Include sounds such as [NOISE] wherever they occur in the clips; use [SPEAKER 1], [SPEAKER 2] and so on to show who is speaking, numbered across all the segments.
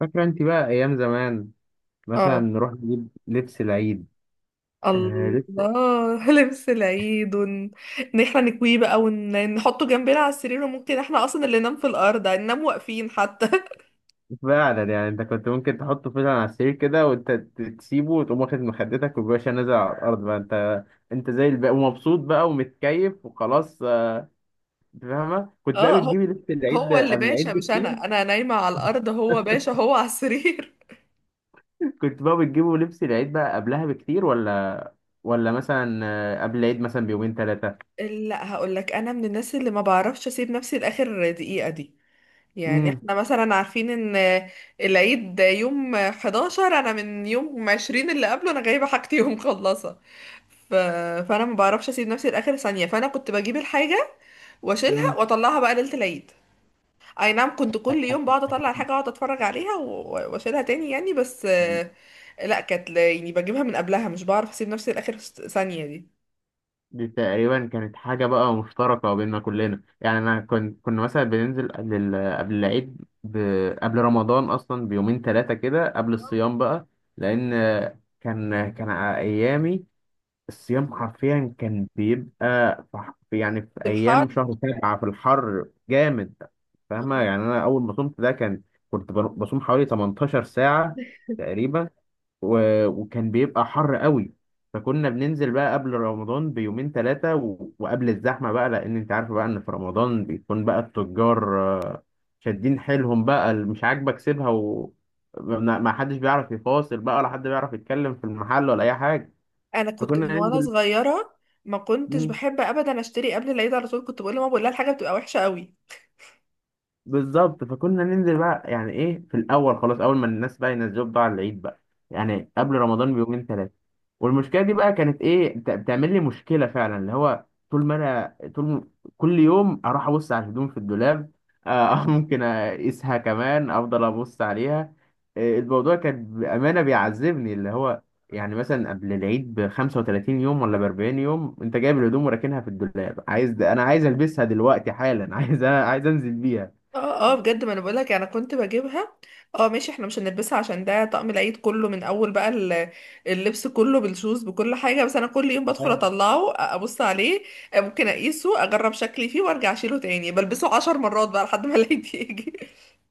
[SPEAKER 1] فاكرة انت بقى ايام زمان مثلا
[SPEAKER 2] اه،
[SPEAKER 1] نروح نجيب لبس العيد. آه لبس.
[SPEAKER 2] الله [LAUGHS] لبس العيد ان احنا نكويه بقى ونحطه جنبنا على السرير، وممكن احنا اصلا اللي ننام في الارض هننام واقفين حتى.
[SPEAKER 1] فعلا يعني انت كنت ممكن تحطه فعلا على السرير كده وانت تسيبه وتقوم واخد مخدتك وباشا نازل على الارض بقى انت. انت زي الباقي ومبسوط بقى ومتكيف وخلاص آه، انت فاهمة
[SPEAKER 2] [LAUGHS]
[SPEAKER 1] كنت بقى
[SPEAKER 2] اه، هو
[SPEAKER 1] بتجيبي لبس العيد
[SPEAKER 2] هو
[SPEAKER 1] ده
[SPEAKER 2] اللي
[SPEAKER 1] قبل
[SPEAKER 2] باشا،
[SPEAKER 1] العيد
[SPEAKER 2] مش
[SPEAKER 1] بكتير.
[SPEAKER 2] انا نايمة على الارض، هو باشا هو على السرير.
[SPEAKER 1] [LAUGHS] كنت بقى بتجيبوا لبس العيد بقى قبلها بكتير ولا مثلا آه، قبل العيد مثلا بيومين ثلاثة.
[SPEAKER 2] [LAUGHS] لا، هقول لك انا من الناس اللي ما بعرفش اسيب نفسي لاخر دقيقة دي. يعني احنا مثلا عارفين ان العيد يوم 11، انا من يوم 20 اللي قبله انا جايبه حاجتي [LAUGHS] ومخلصه. ف... فانا ما بعرفش اسيب نفسي لاخر ثانيه، فانا كنت بجيب الحاجه واشيلها
[SPEAKER 1] امم.
[SPEAKER 2] واطلعها بقى ليله العيد. اي نعم، كنت كل يوم بقعد اطلع الحاجه، اقعد اتفرج عليها واشيلها تاني يعني، بس لا، كانت يعني بجيبها من قبلها، مش بعرف اسيب نفسي لاخر ثانيه دي.
[SPEAKER 1] دي تقريبا كانت حاجة بقى مشتركة بيننا كلنا، يعني أنا كنت كنا مثلا بننزل قبل قبل العيد، ب... قبل رمضان أصلا بيومين ثلاثة كده قبل الصيام بقى، لأن كان أيامي الصيام حرفيا كان بيبقى يعني في
[SPEAKER 2] في الحر،
[SPEAKER 1] أيام شهر سبعة في الحر جامد. فاهمة؟ يعني أنا أول ما صمت ده كان بصوم حوالي 18 ساعة تقريبا، وكان بيبقى حر قوي. فكنا بننزل بقى قبل رمضان بيومين ثلاثة وقبل الزحمة بقى، لأن أنت عارف بقى إن في رمضان بيكون بقى التجار آه، شادين حيلهم بقى، اللي مش عاجبك سيبها، و ما حدش بيعرف يفاصل بقى ولا حد بيعرف يتكلم في المحل ولا أي حاجة،
[SPEAKER 2] انا كنت
[SPEAKER 1] فكنا
[SPEAKER 2] من وانا
[SPEAKER 1] ننزل.
[SPEAKER 2] صغيره ما كنتش بحب ابدا اشتري قبل العيد، على طول كنت بقول لماما، بقول لها الحاجه بتبقى وحشه قوي.
[SPEAKER 1] بالظبط فكنا ننزل بقى، يعني ايه، في الاول خلاص اول ما الناس بقى ينزلوا بقى على العيد بقى، يعني قبل رمضان بيومين ثلاثه. والمشكله دي بقى كانت ايه، بتعمل لي مشكله فعلا، اللي هو طول ما انا كل يوم اروح ابص على الهدوم في الدولاب آه [LAUGHS] ممكن اقيسها كمان، افضل ابص عليها آه، الموضوع كان بامانه بيعذبني. اللي هو يعني مثلا قبل العيد ب 35 يوم ولا ب 40 يوم انت جايب الهدوم وراكنها في الدولاب، عايز عايز البسها دلوقتي حالا [LAUGHS] عايز انزل بيها.
[SPEAKER 2] اه اه بجد، ما انا بقول لك انا كنت بجيبها. اه ماشي، احنا مش هنلبسها عشان ده طقم العيد كله، من اول بقى اللبس كله بالشوز بكل حاجه، بس انا كل يوم بدخل
[SPEAKER 1] أيوة.
[SPEAKER 2] اطلعه، ابص عليه، ممكن اقيسه اجرب شكلي فيه وارجع اشيله تاني، بلبسه عشر مرات بقى لحد ما العيد [LAUGHS] يجي.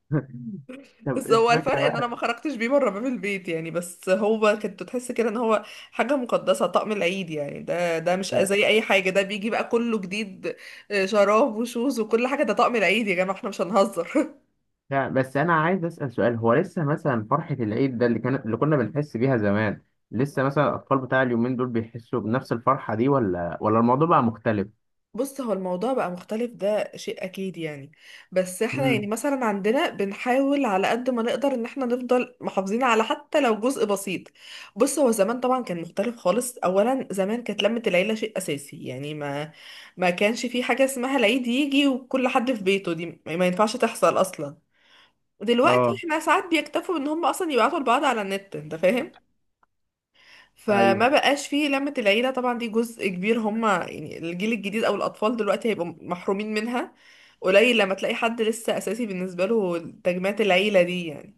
[SPEAKER 1] [LAUGHS] طب
[SPEAKER 2] بس
[SPEAKER 1] انت
[SPEAKER 2] هو الفرق ان انا
[SPEAKER 1] فاكر
[SPEAKER 2] ما خرجتش بيه بره باب البيت يعني، بس هو كنت تحس كده ان هو حاجه مقدسه، طقم العيد يعني، ده مش
[SPEAKER 1] بقى؟
[SPEAKER 2] زي اي حاجه، ده بيجي بقى كله جديد، شراب وشوز وكل حاجه، ده طقم العيد يا جماعه، احنا مش هنهزر.
[SPEAKER 1] لا بس انا عايز اسال سؤال، هو لسه مثلا فرحه العيد ده اللي كان اللي كنا بنحس بيها زمان، لسه مثلا الاطفال بتاع اليومين دول بيحسوا بنفس الفرحه دي ولا الموضوع بقى مختلف؟
[SPEAKER 2] بص، هو الموضوع بقى مختلف، ده شيء اكيد يعني، بس احنا يعني
[SPEAKER 1] امم.
[SPEAKER 2] مثلا عندنا بنحاول على قد ما نقدر ان احنا نفضل محافظين، على حتى لو جزء بسيط. بص، هو زمان طبعا كان مختلف خالص، اولا زمان كانت لمة العيلة شيء اساسي يعني، ما كانش في حاجة اسمها العيد يجي وكل حد في بيته، دي ما ينفعش تحصل اصلا. دلوقتي
[SPEAKER 1] اه.
[SPEAKER 2] احنا ساعات بيكتفوا ان هم اصلا يبعتوا لبعض على النت، انت فاهم،
[SPEAKER 1] ايوه.
[SPEAKER 2] فما بقاش فيه لمة العيلة. طبعا دي جزء كبير هما، يعني الجيل الجديد او الاطفال دلوقتي هيبقوا محرومين منها. قليل لما تلاقي حد لسه اساسي بالنسبة له تجمعات العيلة دي يعني.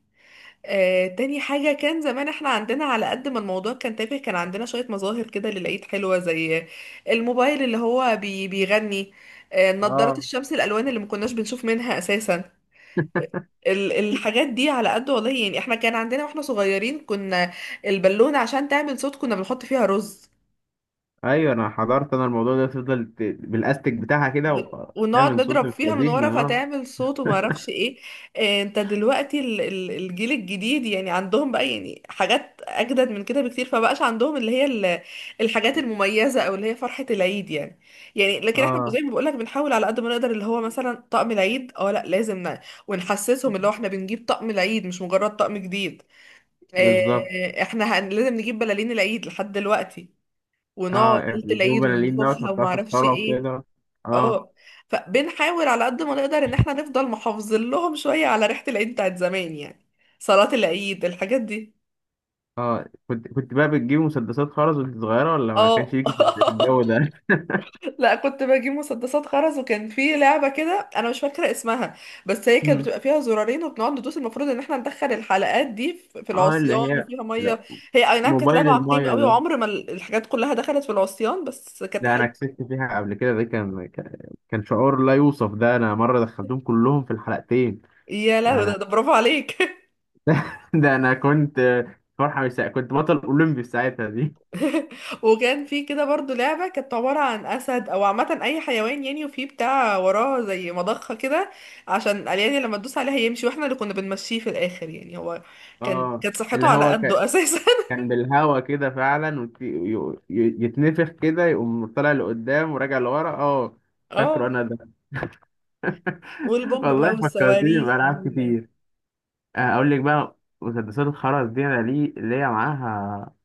[SPEAKER 2] تاني حاجة، كان زمان احنا عندنا على قد ما الموضوع كان تافه، كان عندنا شوية مظاهر كده للعيد حلوة، زي الموبايل اللي هو بي بيغني، نظارات
[SPEAKER 1] اه
[SPEAKER 2] الشمس الألوان اللي ما كناش بنشوف منها أساسا. الحاجات دي على قد والله يعني، احنا كان عندنا واحنا صغيرين، كنا البالونة عشان تعمل صوت كنا بنحط فيها رز
[SPEAKER 1] ايوه، انا حضرت انا الموضوع ده، تفضل بالاستيك بتاعها كده
[SPEAKER 2] ب- ونقعد
[SPEAKER 1] وتعمل صوت
[SPEAKER 2] نضرب فيها من
[SPEAKER 1] الفلازين
[SPEAKER 2] ورا
[SPEAKER 1] اه.
[SPEAKER 2] فتعمل صوت وما اعرفش ايه. انت دلوقتي الجيل الجديد يعني عندهم بقى يعني حاجات اجدد من كده بكتير، فبقاش عندهم اللي هي الحاجات المميزه، او اللي هي فرحه العيد يعني. يعني لكن احنا زي
[SPEAKER 1] اه
[SPEAKER 2] ما بقولك بنحاول على قد ما نقدر، اللي هو مثلا طقم العيد، اه لا لازم ونحسسهم اللي هو احنا بنجيب طقم العيد مش مجرد طقم جديد.
[SPEAKER 1] بالظبط.
[SPEAKER 2] احنا لازم نجيب بلالين العيد لحد دلوقتي، ونقعد
[SPEAKER 1] اه
[SPEAKER 2] ليله
[SPEAKER 1] بيجيبوا
[SPEAKER 2] العيد
[SPEAKER 1] بلالين ده
[SPEAKER 2] وننفخها
[SPEAKER 1] وتحطها
[SPEAKER 2] وما
[SPEAKER 1] في
[SPEAKER 2] اعرفش
[SPEAKER 1] الصاله
[SPEAKER 2] ايه.
[SPEAKER 1] وكده. اه.
[SPEAKER 2] اه، فبنحاول على قد ما نقدر ان احنا نفضل محافظين لهم شوية على ريحة العيد بتاعت زمان يعني، صلاة العيد، الحاجات دي.
[SPEAKER 1] اه، كنت بقى بتجيب مسدسات خرز وانت صغيرة ولا ما كانش
[SPEAKER 2] اه.
[SPEAKER 1] ليكي في الجو
[SPEAKER 2] [LAUGHS]
[SPEAKER 1] ده؟
[SPEAKER 2] لا، كنت بجيب مسدسات خرز، وكان في لعبة كده انا مش فاكرة اسمها، بس هي كانت
[SPEAKER 1] مم.
[SPEAKER 2] بتبقى فيها زرارين، وبنقعد ندوس، المفروض ان احنا ندخل الحلقات دي في
[SPEAKER 1] [LAUGHS] اه اللي
[SPEAKER 2] العصيان
[SPEAKER 1] هي،
[SPEAKER 2] وفيها
[SPEAKER 1] لا
[SPEAKER 2] مية. هي اي نعم كانت
[SPEAKER 1] موبايل
[SPEAKER 2] لعبة عقيمة
[SPEAKER 1] المايه
[SPEAKER 2] قوي،
[SPEAKER 1] ده،
[SPEAKER 2] وعمر ما الحاجات كلها دخلت في العصيان، بس كانت
[SPEAKER 1] ده انا
[SPEAKER 2] حلوة.
[SPEAKER 1] كسبت فيها قبل كده، ده كان كان شعور لا يوصف، ده انا مرة دخلتهم كلهم في الحلقتين
[SPEAKER 2] يا لهوي، ده،
[SPEAKER 1] يعني
[SPEAKER 2] ده
[SPEAKER 1] [LAUGHS]
[SPEAKER 2] برافو عليك.
[SPEAKER 1] ده ده انا كنت فرحة مش سا... كنت بطل اولمبي في ساعتها دي.
[SPEAKER 2] وكان في كده برضو لعبة كانت عبارة عن أسد، أو عامة أي حيوان يعني، وفي بتاع وراه زي مضخة كده، عشان الأليان لما تدوس عليها يمشي، واحنا اللي كنا بنمشيه في الآخر يعني، هو كان
[SPEAKER 1] اه
[SPEAKER 2] كانت
[SPEAKER 1] اللي
[SPEAKER 2] صحته على قده أساسا.
[SPEAKER 1] كان بالهوا كده فعلا يتنفخ كده يقوم طالع لقدام وراجع لورا اه.
[SPEAKER 2] [LAUGHS]
[SPEAKER 1] فاكره
[SPEAKER 2] اه.
[SPEAKER 1] انا [LAUGHS]
[SPEAKER 2] والبومب بقى
[SPEAKER 1] والله فكرتيني
[SPEAKER 2] والصواريخ
[SPEAKER 1] بألعاب كتير. آه، أقول لك بقى، مسدسات الخرز دي أنا ليا معاها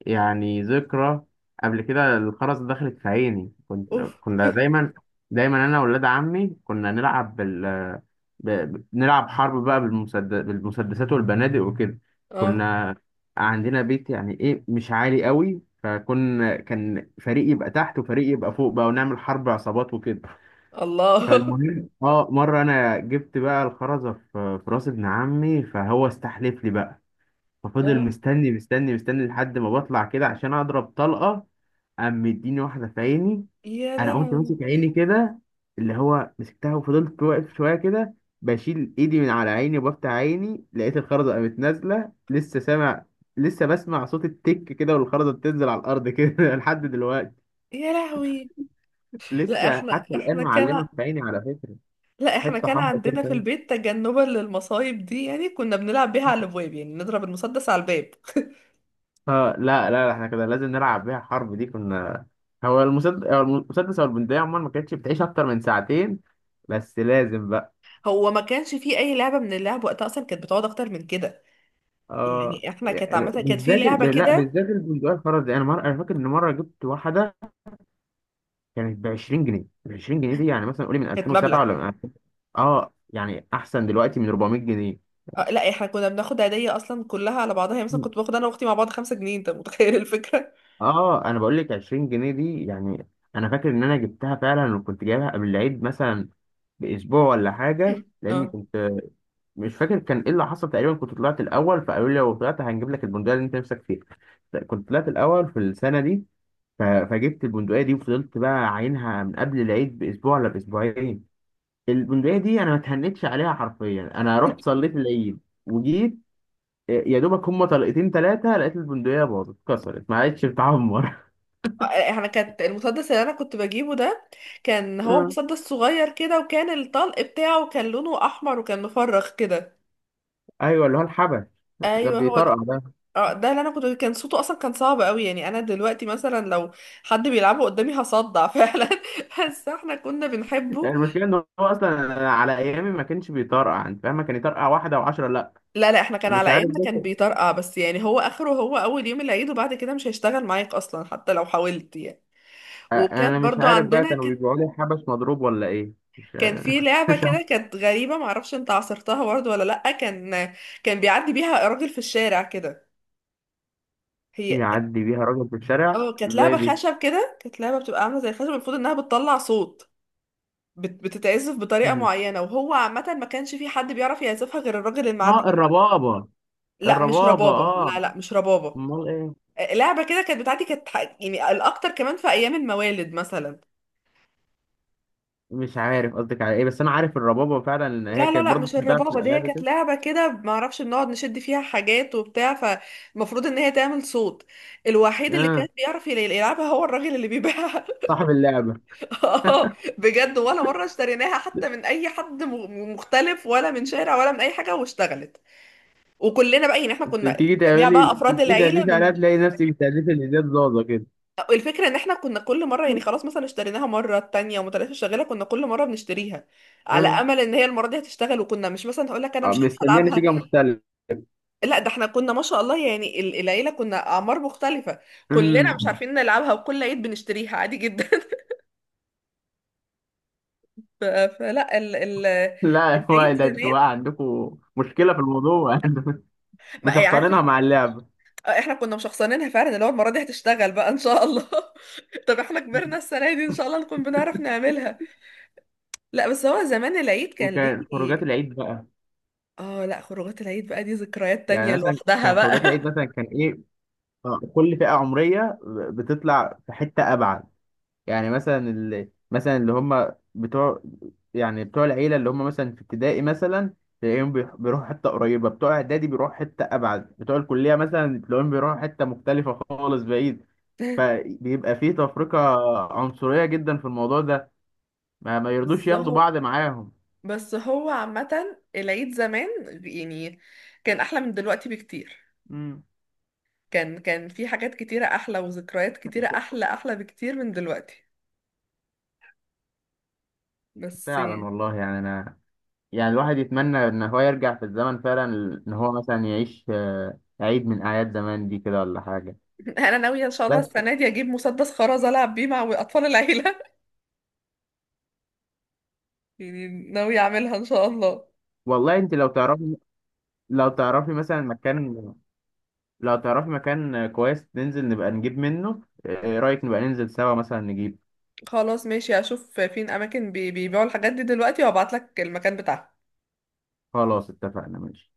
[SPEAKER 1] يعني ذكرى. قبل كده الخرز دخلت في عيني، كنت
[SPEAKER 2] أوف.
[SPEAKER 1] كنا دايما أنا وولاد عمي كنا نلعب نلعب حرب بقى بالمسدسات والبنادق وكده.
[SPEAKER 2] اه،
[SPEAKER 1] كنا عندنا بيت يعني إيه مش عالي قوي، فكنا كان فريق يبقى تحت وفريق يبقى فوق بقى ونعمل حرب عصابات وكده.
[SPEAKER 2] الله.
[SPEAKER 1] فالمهم اه مره انا جبت بقى الخرزه في راس ابن عمي، فهو استحلف لي بقى،
[SPEAKER 2] [LAUGHS]
[SPEAKER 1] ففضل
[SPEAKER 2] اه.
[SPEAKER 1] مستني مستني لحد ما بطلع كده عشان اضرب طلقه، قام مديني واحده في عيني.
[SPEAKER 2] يا
[SPEAKER 1] انا قمت
[SPEAKER 2] لهوي،
[SPEAKER 1] ماسك عيني كده، اللي هو مسكتها وفضلت واقف شويه كده، بشيل ايدي من على عيني وبفتح عيني، لقيت الخرزه قامت نازله، لسه سامع لسه بسمع صوت التك كده والخرزه بتنزل على الارض كده [LAUGHS] لحد دلوقتي.
[SPEAKER 2] يا لهوي. لا
[SPEAKER 1] لسه
[SPEAKER 2] احنا
[SPEAKER 1] حتى الان
[SPEAKER 2] احنا كان
[SPEAKER 1] معلمه في عيني على فكره،
[SPEAKER 2] لا احنا
[SPEAKER 1] حته
[SPEAKER 2] كان
[SPEAKER 1] حمرا كده.
[SPEAKER 2] عندنا في البيت تجنبا للمصايب دي يعني، كنا بنلعب بيها على الابواب، يعني نضرب المسدس على الباب.
[SPEAKER 1] اه لا لا لا، احنا كده لازم نلعب بيها حرب دي كنا. هو المسدس او البندقية عموما ما كانتش بتعيش اكتر من ساعتين، بس لازم بقى.
[SPEAKER 2] هو ما كانش فيه اي لعبه من اللعب وقتها اصلا كانت بتقعد اكتر من كده.
[SPEAKER 1] اه
[SPEAKER 2] يعني احنا كانت
[SPEAKER 1] يعني
[SPEAKER 2] عامه كانت في
[SPEAKER 1] بالذات
[SPEAKER 2] لعبه
[SPEAKER 1] لا
[SPEAKER 2] كده،
[SPEAKER 1] بالذات البندقية الفرزي، انا مرة انا فاكر ان مرة جبت واحدة كانت ب 20 جنيه. ال 20 جنيه دي يعني مثلا قولي من
[SPEAKER 2] كانت مبلغ.
[SPEAKER 1] 2007 ولا من 2000. اه يعني احسن دلوقتي من 400 جنيه.
[SPEAKER 2] أه لا، احنا كنا بناخد هديه اصلا كلها على بعضها يعني، مثلا كنت باخد انا واختي مع بعض خمسة جنيه، انت متخيل الفكره.
[SPEAKER 1] اه انا بقول لك 20 جنيه دي يعني انا فاكر ان انا جبتها فعلا، وكنت جايبها قبل العيد مثلا باسبوع ولا حاجة،
[SPEAKER 2] [LAUGHS]
[SPEAKER 1] لاني
[SPEAKER 2] اه،
[SPEAKER 1] كنت مش فاكر كان ايه اللي حصل. تقريبا كنت طلعت الاول، فقالوا لي لو طلعت هنجيب لك البندقيه اللي انت نفسك فيها، كنت طلعت الاول في السنه دي. فجبت البندقيه دي وفضلت بقى عاينها من قبل العيد باسبوع ولا باسبوعين. البندقيه دي انا ما اتهنتش عليها حرفيا، انا رحت صليت العيد وجيت إيه، يا دوبك هما طلقتين ثلاثه لقيت البندقيه باظت اتكسرت ما عادش بتعمر.
[SPEAKER 2] احنا كانت المسدس اللي انا كنت بجيبه ده، كان هو
[SPEAKER 1] اه
[SPEAKER 2] مسدس صغير كده، وكان الطلق بتاعه كان لونه احمر وكان مفرخ كده.
[SPEAKER 1] [LAUGHS] ايوه اللي هو الحبش، ده
[SPEAKER 2] ايوه، هو
[SPEAKER 1] بيطرقع
[SPEAKER 2] ده.
[SPEAKER 1] ده.
[SPEAKER 2] اه ده اللي انا كنت، كان صوته اصلا كان صعب قوي يعني، انا دلوقتي مثلا لو حد بيلعبه قدامي هصدع [LAUGHS] فعلا، بس احنا كنا بنحبه.
[SPEAKER 1] يعني المشكله ان هو اصلا على ايامي ما كانش بيطرقع، انت فاهمه، كان يطرقع واحده وعشرة، لا
[SPEAKER 2] لا لا احنا كان
[SPEAKER 1] مش
[SPEAKER 2] على
[SPEAKER 1] عارف
[SPEAKER 2] ايامنا كان
[SPEAKER 1] ده.
[SPEAKER 2] بيطرقع، بس يعني هو اخره هو اول يوم العيد، وبعد كده مش هيشتغل معاك اصلا حتى لو حاولت يعني. وكانت
[SPEAKER 1] انا مش
[SPEAKER 2] برضو
[SPEAKER 1] عارف بقى
[SPEAKER 2] عندنا
[SPEAKER 1] كانوا
[SPEAKER 2] كان
[SPEAKER 1] بيبيعوا لي حبس مضروب ولا ايه، مش
[SPEAKER 2] كان في
[SPEAKER 1] [LAUGHS]
[SPEAKER 2] لعبة
[SPEAKER 1] مش عارف.
[SPEAKER 2] كده كانت غريبة، معرفش انت عصرتها برضو ولا لأ، كان كان بيعدي بيها راجل في الشارع كده. هي
[SPEAKER 1] يعدي بيها راجل في الشارع
[SPEAKER 2] اه كانت
[SPEAKER 1] زي
[SPEAKER 2] لعبة
[SPEAKER 1] دي؟
[SPEAKER 2] خشب كده، كانت لعبة بتبقى عاملة زي الخشب، المفروض انها بتطلع صوت، بتتعزف بطريقة
[SPEAKER 1] مم.
[SPEAKER 2] معينة، وهو عامة ما كانش في حد بيعرف يعزفها غير الراجل المعدي
[SPEAKER 1] اه
[SPEAKER 2] فيه.
[SPEAKER 1] الربابة.
[SPEAKER 2] لا مش
[SPEAKER 1] الربابة
[SPEAKER 2] ربابة،
[SPEAKER 1] اه،
[SPEAKER 2] لا لا مش ربابة.
[SPEAKER 1] امال ايه؟
[SPEAKER 2] لعبة كده كانت بتاعتي، كانت يعني الأكتر كمان في أيام الموالد مثلا.
[SPEAKER 1] مش عارف قصدك على ايه، بس انا عارف الربابة فعلا ان هي
[SPEAKER 2] لا لا
[SPEAKER 1] كانت
[SPEAKER 2] لا
[SPEAKER 1] برضه
[SPEAKER 2] مش
[SPEAKER 1] بتتباع في
[SPEAKER 2] الربابة دي، هي
[SPEAKER 1] الالعاب
[SPEAKER 2] كانت
[SPEAKER 1] كده.
[SPEAKER 2] لعبة كده ما اعرفش، بنقعد نشد فيها حاجات وبتاع، فالمفروض ان هي تعمل صوت، الوحيد اللي كان
[SPEAKER 1] اه
[SPEAKER 2] بيعرف يلعبها هو الراجل اللي بيبيعها.
[SPEAKER 1] صاحب اللعبة.
[SPEAKER 2] [LAUGHS] اه بجد، ولا مرة اشتريناها حتى من اي حد مختلف، ولا من شارع، ولا من اي حاجة واشتغلت. وكلنا بقى يعني احنا كنا جميع بقى افراد
[SPEAKER 1] تيجي
[SPEAKER 2] العيله،
[SPEAKER 1] تهدفي عليها
[SPEAKER 2] من
[SPEAKER 1] تلاقي نفسك بتهدفي اللي زياد زازا كده
[SPEAKER 2] الفكره ان احنا كنا كل مره يعني، خلاص مثلا اشتريناها مره التانية ومتلاته شغاله، كنا كل مره بنشتريها على
[SPEAKER 1] آه.
[SPEAKER 2] امل ان هي المره دي هتشتغل، وكنا مش مثلا، هقول لك انا
[SPEAKER 1] آه،
[SPEAKER 2] مش هعرف
[SPEAKER 1] مستنيه
[SPEAKER 2] العبها.
[SPEAKER 1] نتيجة مختلفة.
[SPEAKER 2] لا ده احنا كنا ما شاء الله يعني، العيله كنا اعمار مختلفه، كلنا مش
[SPEAKER 1] مم.
[SPEAKER 2] عارفين نلعبها، وكل عيد بنشتريها عادي جدا. [LAUGHS] فلا ال ال
[SPEAKER 1] لا [LAUGHS] هو
[SPEAKER 2] العيد
[SPEAKER 1] ده انتوا
[SPEAKER 2] زمان،
[SPEAKER 1] بقى عندكم مشكلة في الموضوع، [LAUGHS]
[SPEAKER 2] ما
[SPEAKER 1] مش
[SPEAKER 2] يعني، عارف،
[SPEAKER 1] هختارينها
[SPEAKER 2] احنا
[SPEAKER 1] مع اللعبة.
[SPEAKER 2] احنا كنا مشخصنينها فعلا، اللي هو المره دي هتشتغل بقى ان شاء الله. [LAUGHS] طب احنا كبرنا السنه دي، ان شاء الله نكون بنعرف نعملها. لا بس هو زمان العيد كان
[SPEAKER 1] وكان خروجات
[SPEAKER 2] ليه،
[SPEAKER 1] العيد بقى،
[SPEAKER 2] اه لا، خروجات العيد بقى دي ذكريات
[SPEAKER 1] يعني
[SPEAKER 2] تانية
[SPEAKER 1] مثلا
[SPEAKER 2] لوحدها
[SPEAKER 1] كان
[SPEAKER 2] بقى.
[SPEAKER 1] خروجات العيد مثلا كان ايه، آه، كل فئة عمرية بتطلع في حتة أبعد. يعني مثلا اللي هم بتوع يعني بتوع العيلة، اللي هم مثلا في ابتدائي مثلا تلاقيهم بيروحوا حتة قريبة، بتوع إعدادي بيروحوا حتة أبعد، بتوع الكلية مثلا تلاقيهم بيروحوا حتة مختلفة خالص بعيد.
[SPEAKER 2] [LAUGHS]
[SPEAKER 1] فبيبقى فيه تفرقة عنصرية جدا في الموضوع ده، ما يرضوش
[SPEAKER 2] بس
[SPEAKER 1] ياخدوا
[SPEAKER 2] هو
[SPEAKER 1] بعض معاهم.
[SPEAKER 2] بس هو عامة العيد زمان يعني كان أحلى من دلوقتي بكتير،
[SPEAKER 1] امم.
[SPEAKER 2] كان كان في حاجات كتيرة أحلى وذكريات كتيرة أحلى، أحلى بكتير من دلوقتي بس. [LAUGHS]
[SPEAKER 1] فعلا والله، يعني أنا يعني الواحد يتمنى ان هو يرجع في الزمن فعلا، ان هو مثلا يعيش آه، عيد من اعياد زمان دي كده ولا حاجه.
[SPEAKER 2] أنا ناوية إن شاء الله
[SPEAKER 1] بس
[SPEAKER 2] السنة دي أجيب مسدس خرز ألعب بيه مع أطفال العيلة، [LAUGHS] يعني ناوية أعملها إن شاء الله.
[SPEAKER 1] والله انت لو تعرفي، لو تعرفي مثلا مكان لو تعرفي مكان كويس ننزل نبقى نجيب منه آه، ايه رايك نبقى ننزل سوا مثلا نجيب.
[SPEAKER 2] خلاص ماشي، هشوف فين أماكن بيبيعوا الحاجات دي دلوقتي وأبعتلك المكان بتاعها.
[SPEAKER 1] خلاص اتفقنا ماشي.